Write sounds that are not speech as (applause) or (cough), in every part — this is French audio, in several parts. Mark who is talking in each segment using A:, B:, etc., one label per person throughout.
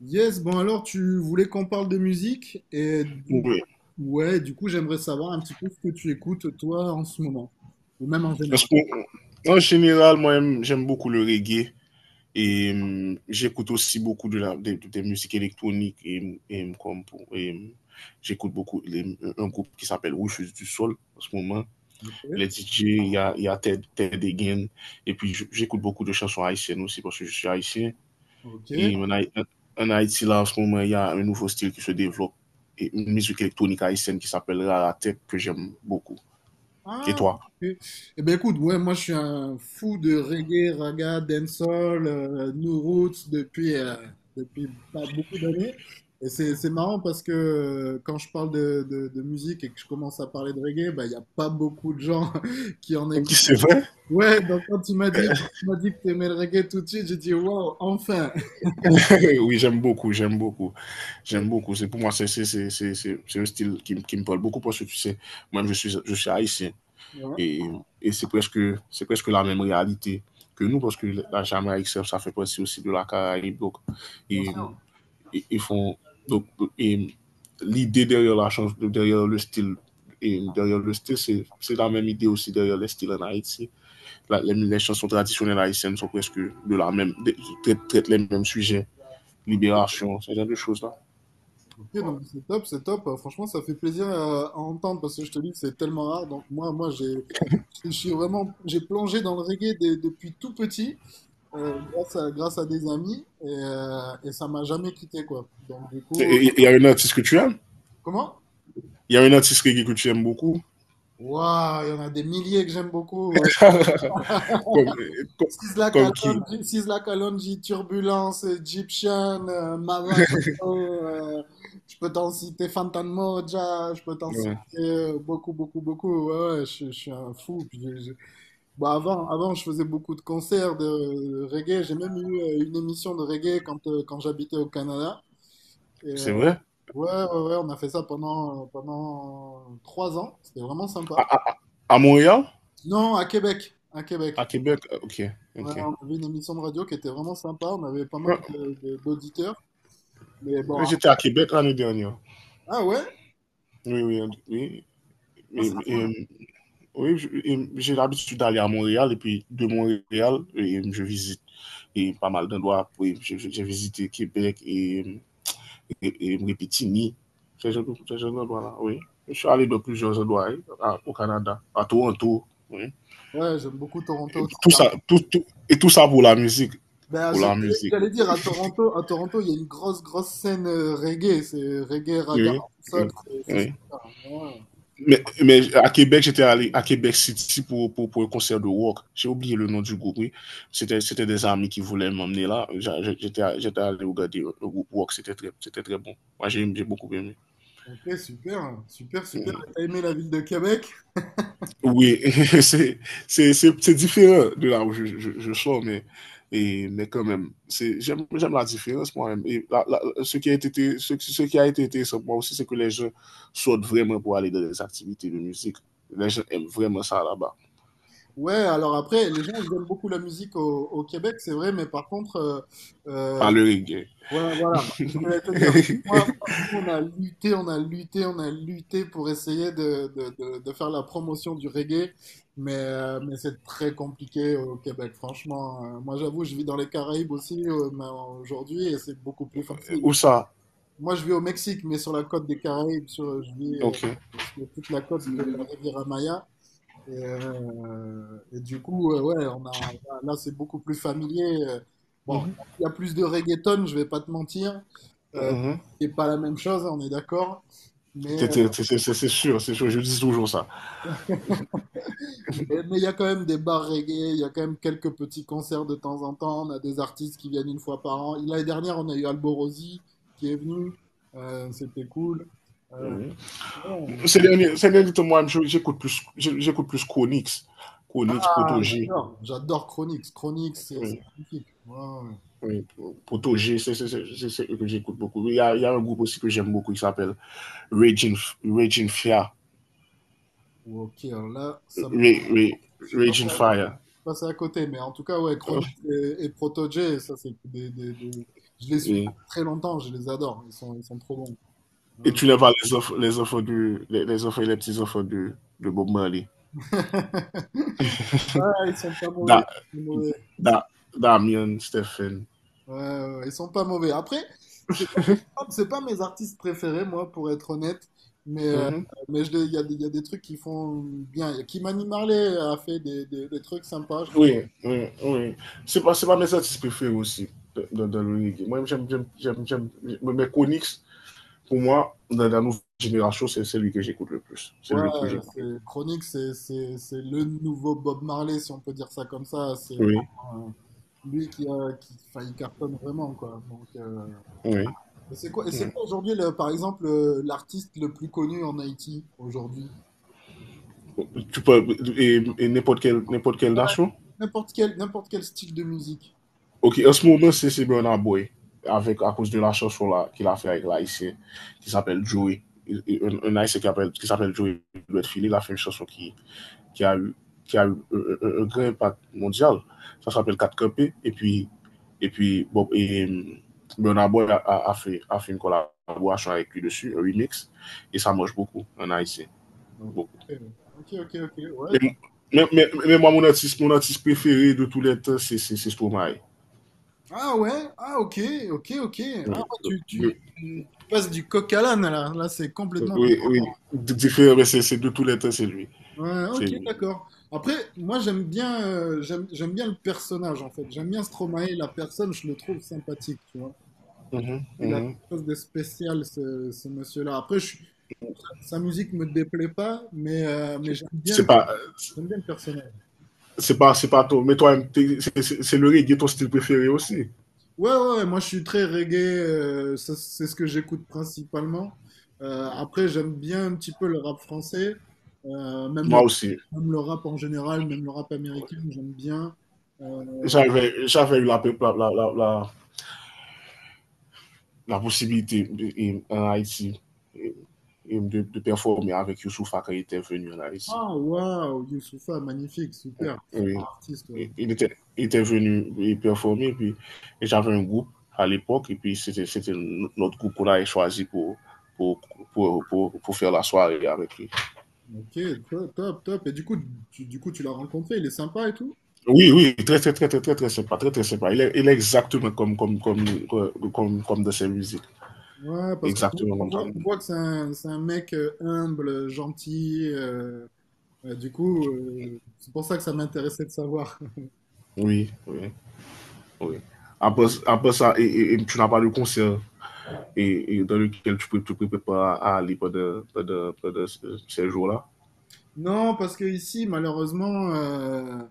A: Yes, bon alors tu voulais qu'on parle de musique
B: Oui.
A: ouais, du coup j'aimerais savoir un petit peu ce que tu écoutes toi en ce moment ou même en
B: Parce
A: général.
B: que, en général, moi, j'aime beaucoup le reggae et j'écoute aussi beaucoup de la, des musiques électroniques et j'écoute un groupe qui s'appelle Rouge du Sol en ce moment.
A: Ok,
B: Les DJ, il y a Ted Egan. Et puis, j'écoute beaucoup de chansons haïtiennes aussi parce que je suis haïtien.
A: ok.
B: Et en, Haï- en Haïti, là, en ce moment, il y a un nouveau style qui se développe et une musique électronique haïtienne qui s'appelle la tête que j'aime beaucoup. Et
A: Ah,
B: toi?
A: ok. Eh ben écoute, ouais, moi je suis un fou de reggae, raga, dancehall, new roots depuis pas beaucoup d'années. Et c'est marrant parce que quand je parle de musique et que je commence à parler de reggae, bah il y a pas beaucoup de gens (laughs) qui en
B: (laughs)
A: écoutent.
B: C'est vrai?
A: Ouais, donc quand tu m'as dit, quand tu m'as dit que tu aimais le reggae tout de suite, j'ai dit wow, enfin.
B: (laughs) Oui, j'aime beaucoup. J'aime beaucoup. C'est pour moi, c'est un style qui me parle beaucoup parce que tu sais, moi-même, je suis haïtien.
A: Ouais,
B: Et, et c'est c'est presque la même réalité que nous parce que la Jamaïque, ça fait partie aussi de la Caraïbe. Donc,
A: bien
B: et,
A: sûr.
B: ils font. Donc, et l'idée derrière la chanson derrière le style. Et derrière le style, c'est la même idée aussi derrière les styles en Haïti. Les chansons traditionnelles haïtiennes sont presque de la même, traitent les mêmes sujets.
A: Ok,
B: Libération, ce genre de choses-là.
A: ok, non, mais c'est top, c'est top. Franchement, ça fait plaisir à entendre parce que je te dis que c'est tellement rare. Donc moi, je suis vraiment, j'ai plongé dans le reggae depuis tout petit, grâce à des amis et ça m'a jamais quitté quoi. Donc du coup,
B: Il y a un artiste que tu aimes.
A: comment?
B: Il y a un artiste reggae que tu aimes beaucoup.
A: Waouh, il y en a des milliers que j'aime beaucoup.
B: Comme, comme,
A: Sisla
B: comme qui?
A: Kalonji, Sisla Kalonji, Turbulence, Egyptian, Maradano, je peux t'en citer Fantan Moja, je peux t'en citer
B: Ouais.
A: beaucoup, beaucoup, beaucoup. Ouais, ouais, je suis un fou. Bon, avant, je faisais beaucoup de concerts de reggae. J'ai même eu une émission de reggae quand, quand j'habitais au Canada. Et,
B: C'est vrai.
A: ouais, ouais, ouais, on a fait ça pendant, pendant trois ans. C'était vraiment
B: à,
A: sympa.
B: à, à Montréal.
A: Non, à Québec. À
B: À
A: Québec.
B: Québec. Ok,
A: Ouais,
B: ok.
A: on avait une émission de radio qui était vraiment sympa. On avait pas mal
B: Ah,
A: d'auditeurs. Mais bon.
B: j'étais à Québec l'année dernière.
A: Ah ouais?
B: Oui. Oui,
A: Ah, ça-
B: Et, et, oui, et j'ai l'habitude d'aller à Montréal et puis de Montréal, et je visite pas mal d'endroits. Oui, j'ai visité Québec et et Mripitini, ces gens là. Oui. Je suis allé dans plusieurs endroits hein, au Canada, à Toronto. Oui.
A: Ouais, j'aime beaucoup Toronto aussi.
B: Tout
A: Là.
B: ça, et tout ça pour la musique,
A: Ben,
B: pour
A: je-
B: la musique.
A: J'allais dire à Toronto, il y a une grosse, grosse scène reggae. C'est reggae, raga,
B: oui,
A: sol.
B: oui,
A: C'est
B: oui.
A: super. Ouais.
B: Mais à Québec, j'étais allé à Québec City pour, pour un concert de rock. J'ai oublié le nom du groupe, oui. C'était des amis qui voulaient m'emmener là. J'étais allé regarder le groupe rock, c'était très bon. Moi, j'ai beaucoup aimé.
A: Ok, super, super, super.
B: Mhm.
A: Et t'as aimé la ville de Québec?
B: Oui, (laughs) c'est c'est différent de là où je sors, mais, et, mais quand même, c'est, j'aime la différence moi-même. Et ce qui a ce qui a été intéressant pour moi aussi, c'est que les gens sortent vraiment pour aller dans des activités de musique. Les gens aiment vraiment ça là-bas,
A: Ouais, alors après, les gens, ils aiment beaucoup la musique au, au Québec, c'est vrai, mais par contre,
B: pas
A: euh,
B: le reggae.
A: ouais, voilà, c'est ce que je vais te dire. Moi,
B: (laughs)
A: Nous, on a lutté, on a lutté, on a lutté pour essayer de faire la promotion du reggae, mais c'est très compliqué au Québec, franchement. Moi, j'avoue, je vis dans les Caraïbes aussi, mais aujourd'hui, et c'est beaucoup plus facile.
B: Ou ça,
A: Moi, je vis au Mexique, mais sur la côte des Caraïbes, sur, je vis
B: ok.
A: sur toute la côte de la Riviera Maya. Et du coup, ouais, on a, là, c'est beaucoup plus familier. Euh. Bon,
B: Mhm.
A: il y a plus de reggaeton, je vais pas te mentir. Euh,
B: Mhm.
A: c'est pas la même chose, on est d'accord. Mais
B: C'est sûr, je dis toujours ça.
A: mais il y a quand même des bars reggae, il y a quand même quelques petits concerts de temps en temps. On a des artistes qui viennent une fois par an. L'année dernière, on a eu Alborosi qui est venu. C'était cool. Euh,
B: Mhm.
A: bon,
B: Ces derniers temps, moi, j'écoute plus, j'écoute plus Konix, Konix,
A: ah,
B: Protoji.
A: j'adore, j'adore Chronix. Chronix, c'est magnifique. Ouais, ouais.
B: Oui, Poto G, c'est ce que j'écoute beaucoup. Il y a un groupe aussi que j'aime beaucoup qui s'appelle Raging, Raging, Fire.
A: Ok, alors là, ça me...
B: Raging,
A: je suis pas
B: Raging Fire.
A: passé à côté, mais en tout cas, ouais, Chronix et Protogé, ça, c'est je les suis depuis
B: Et,
A: très longtemps, je les adore. Ils sont trop bons.
B: et tu n'es pas les enfants, les enfants et les petits enfants de Bob Marley.
A: Ouais. (laughs) Ouais, ils sont pas mauvais.
B: Da,
A: Ils sont mauvais. Ils sont,
B: da, Damien, Stephen.
A: ouais, ouais, ouais, ils sont pas mauvais. Après, c'est pas, c'est pas mes artistes préférés, moi, pour être honnête. Mais,
B: Mm -hmm.
A: il y a, il y a des trucs qui font bien. Kimani Marley a fait des trucs sympas, je trouve.
B: Oui, oui. C'est pas mes artistes préférés aussi dans, dans le reggae. Moi, j'aime mais Konix, pour moi, dans la nouvelle génération, c'est celui que j'écoute le plus. C'est
A: Ouais,
B: lui que j'écoute le plus.
A: Chronique, c'est le nouveau Bob Marley, si on peut dire ça comme ça. C'est
B: Oui.
A: vraiment, lui qui, a, qui, enfin, il cartonne vraiment, quoi. Donc,
B: Oui.
A: et c'est quoi, et c'est
B: Oui.
A: quoi aujourd'hui, par exemple, l'artiste le plus connu en Haïti aujourd'hui?
B: Tu peux, et n'importe quelle nation.
A: N'importe quel style de musique.
B: Ok, en ce moment, c'est Bernard Boy, avec, à cause de la chanson là, qu'il a fait avec l'haïtien, qui s'appelle Joey. Un haïtien qui, qui s'appelle Joey Redfield, il a fait une chanson qui a eu, qui a eu un grand impact mondial. Ça s'appelle 4 Copés. Et puis Bob, et, Boy a, a fait une collaboration avec lui dessus, un remix. Et ça marche beaucoup en Haïti.
A: Donc,
B: Beaucoup.
A: euh, ok, ok, ok.
B: mais mais moi mon artiste préféré de tous tout letan, c'est Stromae.
A: Ah ouais, ah ok, ok, ok. Ah, ouais,
B: Oui,
A: tu passes du coq à l'âne là. Là, c'est complètement.
B: oui. Diferè, c'est de tous les temps c'est lui.
A: Ouais,
B: C'est
A: ok,
B: lui.
A: d'accord. Après, moi, j'aime bien, j'aime bien le personnage en fait. J'aime bien Stromae, la personne, je le trouve sympathique, tu vois. Il a quelque chose de spécial, ce monsieur-là. Sa musique me déplaît pas, mais,
B: Se pa,
A: j'aime bien le personnage.
B: c'est pas mais toi, c'est le reggae ton style préféré aussi.
A: Ouais, ouais, ouais, moi je suis très reggae, ça, c'est ce que j'écoute principalement. Après, j'aime bien un petit peu le rap français, euh, même le,
B: Moi aussi.
A: même le rap en général, même le rap américain, j'aime bien. Euh,
B: J'avè la, la posibilite en Haiti de performe avèk Youssouf akè itè venu en Haiti.
A: ah, waouh, Youssoupha, magnifique, super, super
B: Oui.
A: artiste. Ouais.
B: Il était venu y performer, puis et j'avais un groupe à l'époque, et puis c'était notre groupe qu'on avait choisi pour, pour, pour faire la soirée avec lui.
A: Ok, top, top, top. Et du coup, du coup, tu l'as rencontré, il est sympa et tout?
B: Très sympa, très sympa. Il est exactement comme de ses musiques.
A: Ouais, parce qu'on
B: Exactement comme
A: on
B: ça.
A: voit que c'est un mec humble, gentil. Euh, du coup, c'est pour ça que ça m'intéressait de savoir.
B: Oui, oui, oui. Après, après ça, et, et tu n'as pas de concert et dans lequel tu peux pas à aller pendant ces jours-là.
A: Non, parce que ici, malheureusement,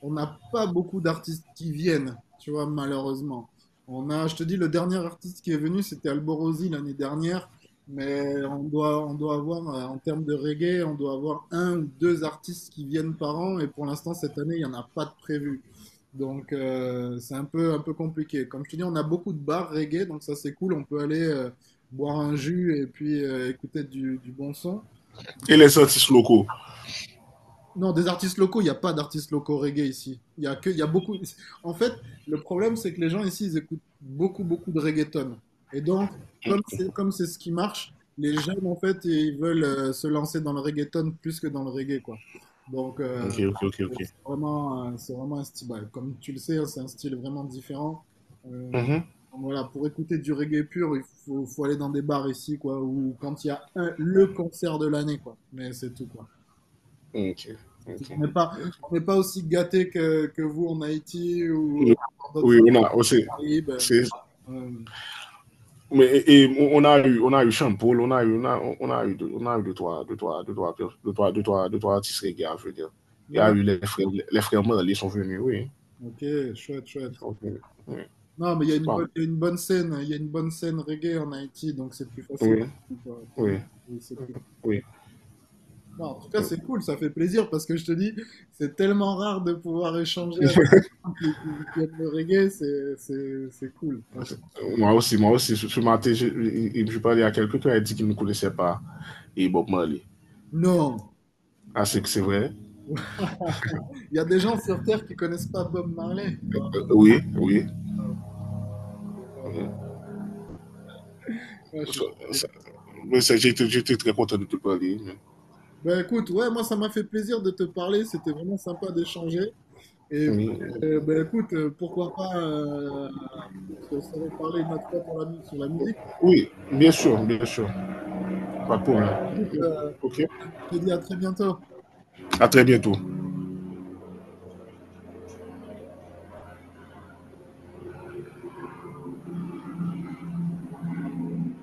A: on n'a pas beaucoup d'artistes qui viennent, tu vois, malheureusement. On a, je te dis, le dernier artiste qui est venu, c'était Alborosi l'année dernière, mais on doit avoir, en termes de reggae, on doit avoir un ou deux artistes qui viennent par an, et pour l'instant, cette année, il n'y en a pas de prévu. Donc, c'est un peu compliqué. Comme je te dis, on a beaucoup de bars reggae, donc ça, c'est cool, on peut aller boire un jus et puis écouter du bon son.
B: Et les artistes locaux.
A: Non, des artistes locaux, il n'y a pas d'artistes locaux reggae ici. Il y a que, il y a beaucoup. En fait, le problème, c'est que les gens ici, ils écoutent beaucoup, beaucoup de reggaeton. Et donc, comme c'est ce qui marche, les jeunes, en fait, ils veulent se lancer dans le reggaeton plus que dans le reggae, quoi. Donc, c'est
B: Okay.
A: c'est vraiment, c'est vraiment un style. Bah, comme tu le sais, hein, c'est un style vraiment différent. Euh,
B: Mm-hmm.
A: donc voilà, pour écouter du reggae pur, il faut, faut aller dans des bars ici, quoi, ou quand il y a un, le concert de l'année, quoi. Mais c'est tout, quoi.
B: Okay,
A: On
B: okay.
A: n'est pas, on n'est pas aussi gâté que vous en Haïti ou
B: Okay.
A: dans d'autres
B: Oui, on
A: îles
B: a aussi.
A: Caraïbes. Euh,
B: Mais et, on a eu Champol, on a eu, on a eu deux trois, deux trois, deux trois, deux trois, deux trois, deux trois artistes reggae, je veux dire. Il y a
A: ouais,
B: eu les frères Merle, ils sont venus, oui,
A: ok, chouette,
B: ils
A: chouette.
B: sont venus. Oui,
A: Non, mais il y a
B: c'est
A: une
B: pas.
A: bonne, il y a une bonne scène reggae en Haïti, donc c'est plus facile
B: Oui,
A: quoi. Pour nous,
B: oui,
A: c'est plus compliqué.
B: oui.
A: Non, en tout cas,
B: Oui.
A: c'est cool, ça fait plaisir parce que je te dis, c'est tellement rare de pouvoir échanger avec quelqu'un qui aime le reggae, c'est cool, franchement.
B: Moi aussi, ce ce matin, je parlais à quelqu'un qui a dit qu'il ne connaissait pas et Bob Marley.
A: Non,
B: Ah, c'est que c'est vrai?
A: (laughs) il y a des gens sur Terre qui connaissent pas Bob Marley.
B: Oui, oui. Euh,
A: Ouais, je suis
B: Ça,
A: choqué.
B: ça, mais ça, j'étais très content de te parler, hein.
A: Ben écoute, ouais, moi ça m'a fait plaisir de te parler, c'était vraiment sympa d'échanger. Et
B: Oui,
A: ben écoute, pourquoi pas se reparler une autre fois pour sur la musique.
B: oui bien sûr, bien sûr. Pas de problème.
A: Écoute,
B: OK.
A: je te dis à très bientôt.
B: À très bientôt.